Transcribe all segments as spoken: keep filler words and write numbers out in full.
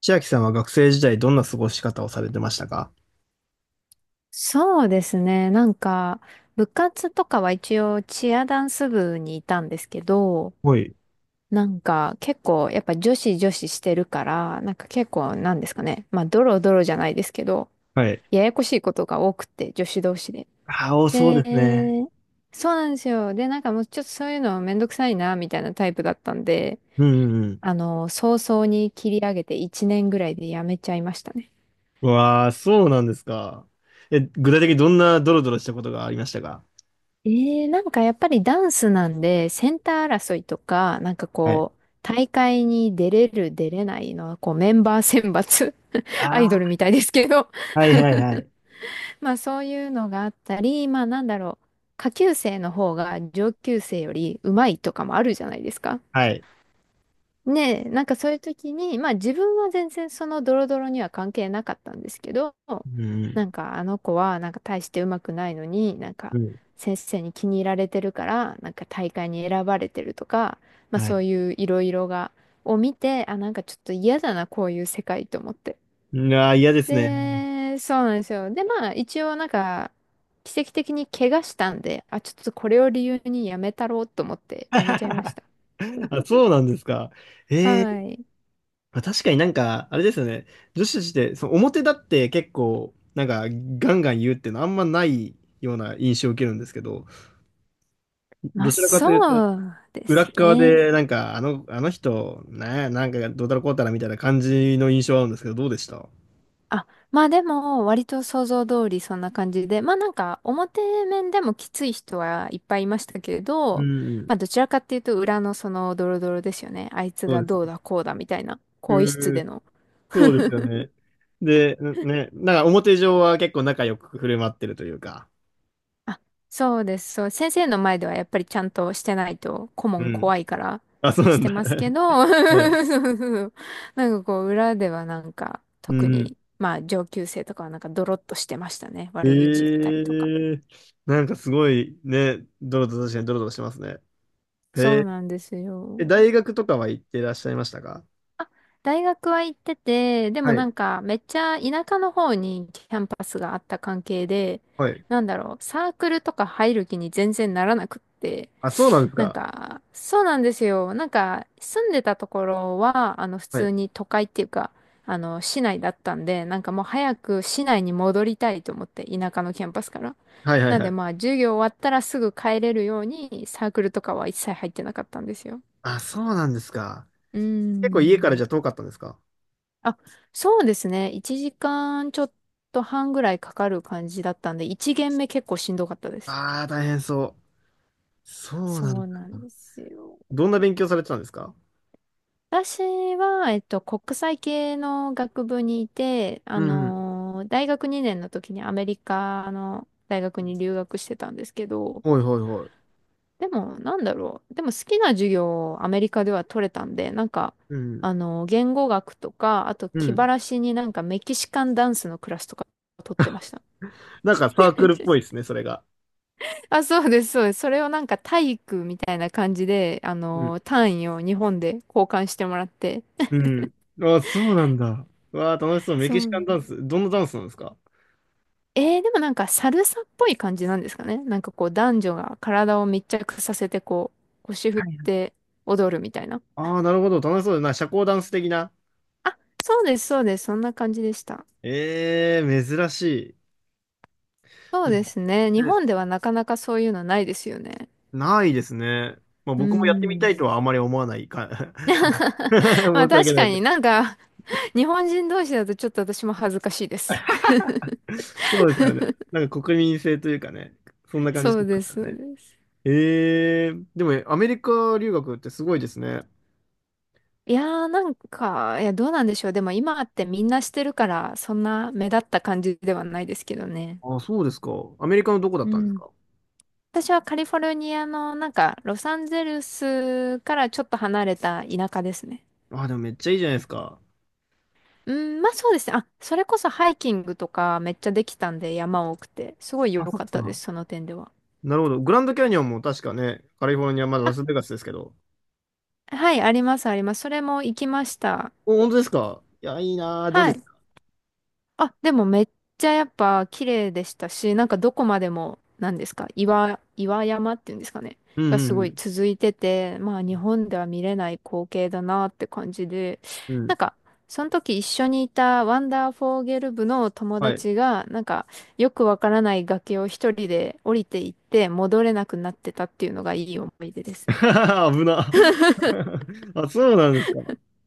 千秋さんは学生時代どんな過ごし方をされてましたか？そうですね。なんか、部活とかは一応チアダンス部にいたんですけど、はい。なんか結構やっぱ女子女子してるから、なんか結構なんですかね。まあドロドロじゃないですけど、はい。ややこしいことが多くて、女子同士で。ああ、おそうで、ですね。そうなんですよ。で、なんかもうちょっとそういうのめんどくさいな、みたいなタイプだったんで、うんうんうん。あの、早々に切り上げていちねんぐらいでやめちゃいましたね。うわあ、そうなんですか。え、具体的にどんなドロドロしたことがありましたか？ええ、なんかやっぱりダンスなんで、センター争いとか、なんかはい。こう、大会に出れる、出れないのは、こう、メンバー選抜、あ アイドルあ、みたいですけど、はいはいはい。まあそういうのがあったり、まあなんだろう、下級生の方が上級生より上手いとかもあるじゃないですか。はい。ねえ、なんかそういう時に、まあ自分は全然そのドロドロには関係なかったんですけど、うんうなん。んかあの子はなんか大してうまくないのに、なんかうん。先生に気に入られてるから、なんか大会に選ばれてるとか、まあはそい。ういういろいろが、を見て、あ、なんかちょっと嫌だな、こういう世界と思って。うわあ、嫌ですね。で、そうなんですよ。で、まあ一応なんか、奇跡的に怪我したんで、あ、ちょっとこれを理由にやめたろうと思ってやめちゃいました。あ、そ うなんですか。えはえ。い。まあ、確かになんか、あれですよね。女子たちって、その表立って結構、なんか、ガンガン言うっていうのあんまないような印象を受けるんですけど、まあ、どちらかというと、そうで裏すっ側ね。で、なんか、あの、あの人、ね、なんか、どうたらこうたらみたいな感じの印象はあるんですけど、どうでした？あ、まあでも、割と想像通りそんな感じで、まあなんか、表面でもきつい人はいっぱいいましたけれうど、んうん。まあどちらかっていうと、裏のそのドロドロですよね。あいつそうがです。どうだこうだみたいな、更衣室うでー、の。そうですよね。で、んね、なんか表上は結構仲良く振る舞ってるというか。あ、そうです。そう、先生の前ではやっぱりちゃんとしてないと顧う問ん。怖いからあ、そうなしんてだ。ます けど、はい。そうそう。なんかこう裏ではなんかう特んうん。にまあ上級生とかはなんかドロッとしてましたね。悪口言ったりとか。ええ。なんかすごいね、ドロドロ確かにドロドロしてますね。へそうえ。なんですえ、よ。大学とかは行ってらっしゃいましたか？あ、大学は行ってて、でもはない。んかめっちゃ田舎の方にキャンパスがあった関係で、はい。なんだろう、サークルとか入る気に全然ならなくって、あ、そうなんですなんか。か、そうなんですよ。なんか住んでたところは、あの普は通い。に都会っていうか、あの市内だったんで、なんかもう早く市内に戻りたいと思って、田舎のキャンパスから。はいはいなんはでい。まあ授業終わったらすぐ帰れるようにサークルとかは一切入ってなかったんですよ。あ、そうなんですか。うー結構家ん。からじゃ遠かったんですか？あ、そうですね。いちじかんちょっと半ぐらいかかる感じだったんで、いち限目結構しんどかったです。ああー、大変そう。そうなんそうだ。なんですよ。どんな勉強されてたんですか？私は、えっと、国際系の学部にいて、うあんうん。のー大学にねんの時にアメリカの大学に留学してたんですけど、ほいほいほい。でも、なんだろう。でも好きな授業をアメリカでは取れたんで、なんか、うん。あのー言語学とか、あとう気晴ん。らしになんかメキシカンダンスのクラスとか取ってました。なんかサークルっぽいですね、それが。あ、そうです、そうです。それをなんか体育みたいな感じで、あうん。のー、単位を日本で交換してもらって。うん。ああ、そうなんだ。うわあ、楽しそう。メそキシカンう。ダンス。どんなダンスなんですか？えー、でもなんかサルサっぽい感じなんですかね。なんかこう男女が体を密着させてこう、腰振はっい。て踊るみたいな。ああー、なるほど。楽しそうだな。社交ダンス的な。あ、そうです、そうです。そんな感じでした。ええ、珍しい。そうででも、すね。日ね。本ではなかなかそういうのないですよね。ないですね。まあ、う僕もやってみーたいとん。はあまり思わないか。はい。 申 まあし訳確なかい。になんか、日本人同士だとちょっと私も恥ずかしいです。そうですよね。なんか国民性というかね、そんな感じしそうまですす、よそうね。です。ええ。でもね、アメリカ留学ってすごいですね。いやーなんか、いや、どうなんでしょう。でも今ってみんなしてるから、そんな目立った感じではないですけどね。あ、そうですか。アメリカのどこだっうたんですん。か？私はカリフォルニアの、なんか、ロサンゼルスからちょっと離れた田舎ですね。あ、でもめっちゃいいじゃないですか。うん、まあそうですね。あ、それこそハイキングとかめっちゃできたんで山多くて、すごい良あ、そっかったでか。す、その点では。なるほど。グランドキャニオンも確かね、カリフォルニア、まだラあ、スベガスですけど。はい、あります、あります。それも行きました。お、本当ですか？いや、いいなぁ。どうはでい。すか？あ、でもめっちゃやっぱ綺麗でしたし、なんかどこまでも、なんですか、岩、岩山っていうんですかね、うがんすうごいん続いてて、まあ日本では見れない光景だなって感じで、うん。うん。なんか、その時一緒にいたワンダーフォーゲル部の友はい。達が、なんか、よくわからない崖を一人で降りていって戻れなくなってたっていうのがいい思い出ですね。危な。あ、そうなんですか。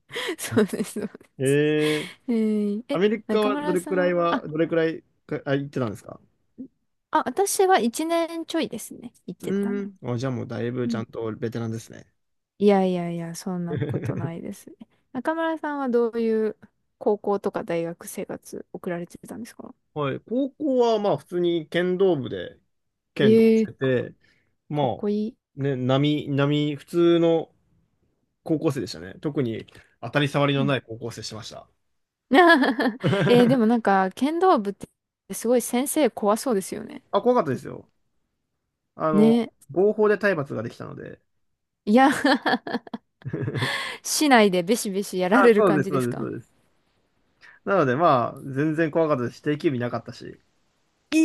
そうです、そうです。ええ。えーアえ、メリカ中はど村れさくらいん、は、あ、どれくらいか、あ、行ってたんですか？あ、私は一年ちょいですね。行っうてたの。ーん。あ、じゃあもうだいぶうちゃんん。とベテランですね。いやいやいや、そんなことな いですね。中村さんはどういう高校とか大学生活送られてたんですか？はい。高校はまあ普通に剣道部で剣道えしえ、てかて、まかっあ、こいい。ね、並、並、普通の高校生でしたね。特に当たり障りうのん ない高校生してました。えーでもな んか、剣道部ってすごい先生怖そうですよね。あ、怖かったですよ。あの、ね。合法で体罰ができたので。いや 市内でベシベシやらあ、れるそう感です、じでそうすです、そか？うです。なのでまあ、全然怖かったですし。定休日なかったし、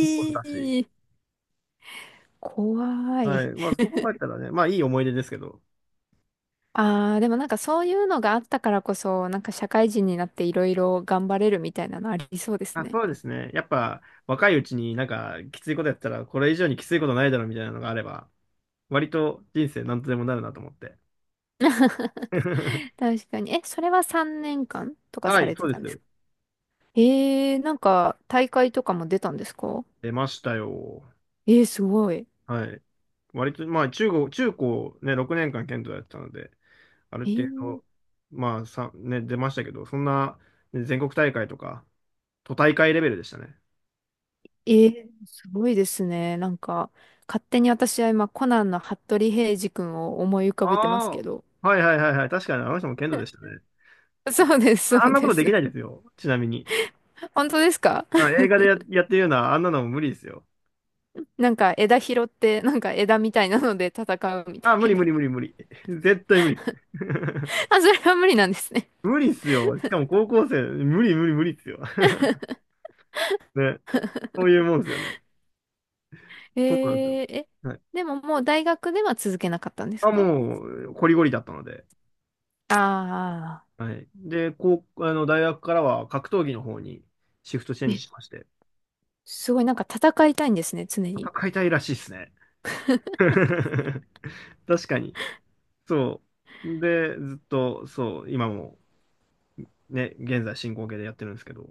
一本だし。えー、怖はい。い。まあそこがあったらね、まあいい思い出ですけど。ああ、でもなんかそういうのがあったからこそ、なんか社会人になっていろいろ頑張れるみたいなのありそうですあ、ね。そうですね。やっぱ若いうちになんかきついことやったらこれ以上にきついことないだろうみたいなのがあれば、割と人生なんとでもなるなと思って。確かに。え、それはさんねんかんとかはさい、れてそうたでんですす。か？えー、なんか大会とかも出たんですか？出ましたよ。えー、すごい。はい。割と、まあ中高、中高ね、ろくねんかん剣道やってたので、あるえ程ー、度、まあさ、ね、出ましたけど、そんな、ね全国大会とか、都大会レベルでしたね。えー、すごいですね。なんか、勝手に私は今、コナンの服部平次君を思い浮かべてますけあど。あ。はいはいはいはい。確かにあの人も剣道でしたね。そうです、ああそんうなこでとです。きないですよ。ちなみに。本当ですか？ あ、映画でや、やってるような、あんなのも無理ですよ。なんか枝拾って、なんか枝みたいなので戦うみたあ、無い理無な。理無理無理。絶対無理。あ、それは無理なんですね。無理っすよ。しかも高校生、無理無理無理っすよ。ね。そういうもんですよね。えそうなんですよ。ー、え、はい。でももう大学では続けなかったんですあ、か？もう、ゴリゴリだったので。ああはい。で、こう、あの、大学からは格闘技の方にシフトチェー。ンジえ、しまして、すごいなんか戦いたいんですね、常に。戦いたいらしいっすね。確かに。そう。で、ずっと、そう、今も、ね、現在進行形でやってるんですけど、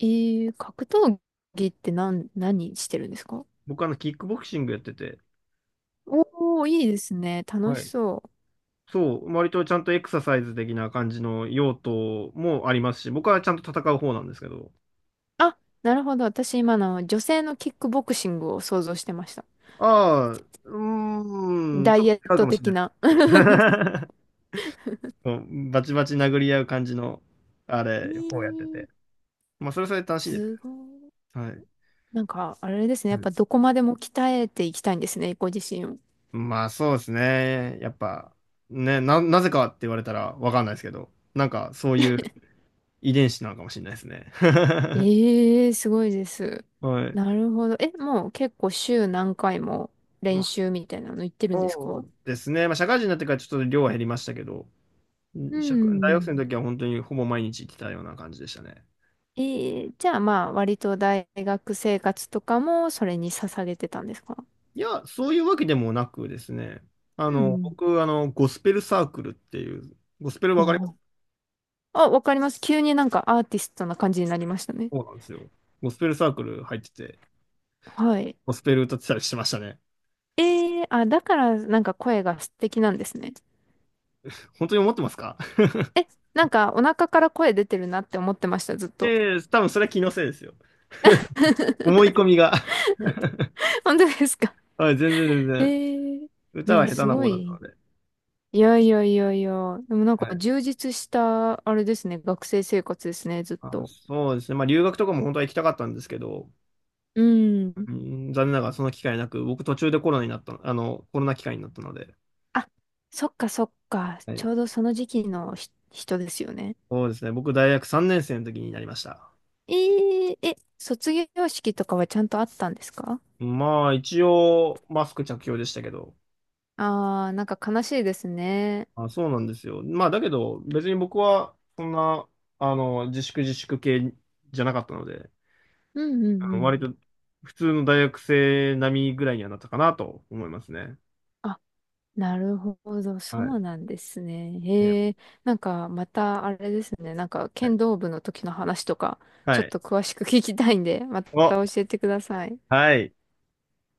えー、格闘技って何、何してるんですか？僕あの、キックボクシングやってて、おー、いいですね。楽はしい。そう。そう、割とちゃんとエクササイズ的な感じの用途もありますし、僕はちゃんと戦う方なんですけど。あ、なるほど。私今の女性のキックボクシングを想像してました。ああ、うーん、ダちょっイエッと違うかトもしれ的ないな。です。そうバチバチ殴り合う感じの、あれ、いこうやってて。い、まあ、それはそれで楽しいですけすごい。ど。はい。なんか、あれですね。うやっん。ぱどこまでも鍛えていきたいんですね、ご自身を。まあ、そうですね。やっぱ、ね、な、なぜかって言われたらわかんないですけど、なんかそういう遺伝子なのかもしれないですね。ええ、すごいです。はい。なるほど。え、もう結構週何回もま練あ、習みたいなの行ってるんですそか？うですね。まあ、社会人になってからちょっと量は減りましたけど、う社会大学生ん。の時は本当にほぼ毎日行ってたような感じでしたね。ええ、じゃあまあ割と大学生活とかもそれに捧げてたんですか？いや、そういうわけでもなくですね。あうの、ん僕、あの、ゴスペルサークルっていう、ゴスペルうわかりん。おます？ー、あ、わかります。急になんかアーティストな感じになりましたね。そうなんですよ。ゴスペルサークル入ってて、はい。ゴスペル歌ってたりしてましたね。ええ、あ、だからなんか声が素敵なんですね。本当に思ってますか？ え、なんかお腹から声出てるなって思ってました、ずっ と。ええ、多分それは気のせいですよ。思い込 みが。本当ですか？ はい、全然全 然。ええ、じ歌ゃはあ下手すなご方だったのい。で。いやいやいやいや。でもなんはかい。充実した、あれですね。学生生活ですね、ずっあ、と。そうですね。まあ、留学とかも本当は行きたかったんですけど、うん。うん、残念ながらその機会なく、僕途中でコロナになったあの、コロナ機会になったので、あ、そっかそっか。はちい。ょうどその時期のひ人ですよね。そうですね。僕、大学さんねん生の時になりました。えー、え、卒業式とかはちゃんとあったんですか？まあ、一応、マスク着用でしたけど。あー、なんか悲しいですね。あ、そうなんですよ。まあ、だけど、別に僕は、そんな、あの、自粛自粛系じゃなかったので、うんうんうあのん。割と、普通の大学生並みぐらいにはなったかなと思いますね。あ、なるほど。そはうい。なんですね。いや、へえ。なんかまたあれですね。なんかはい。剣道部の時の話とか、はちょっい。と詳しく聞きたいんで、またお、教えてください。はい。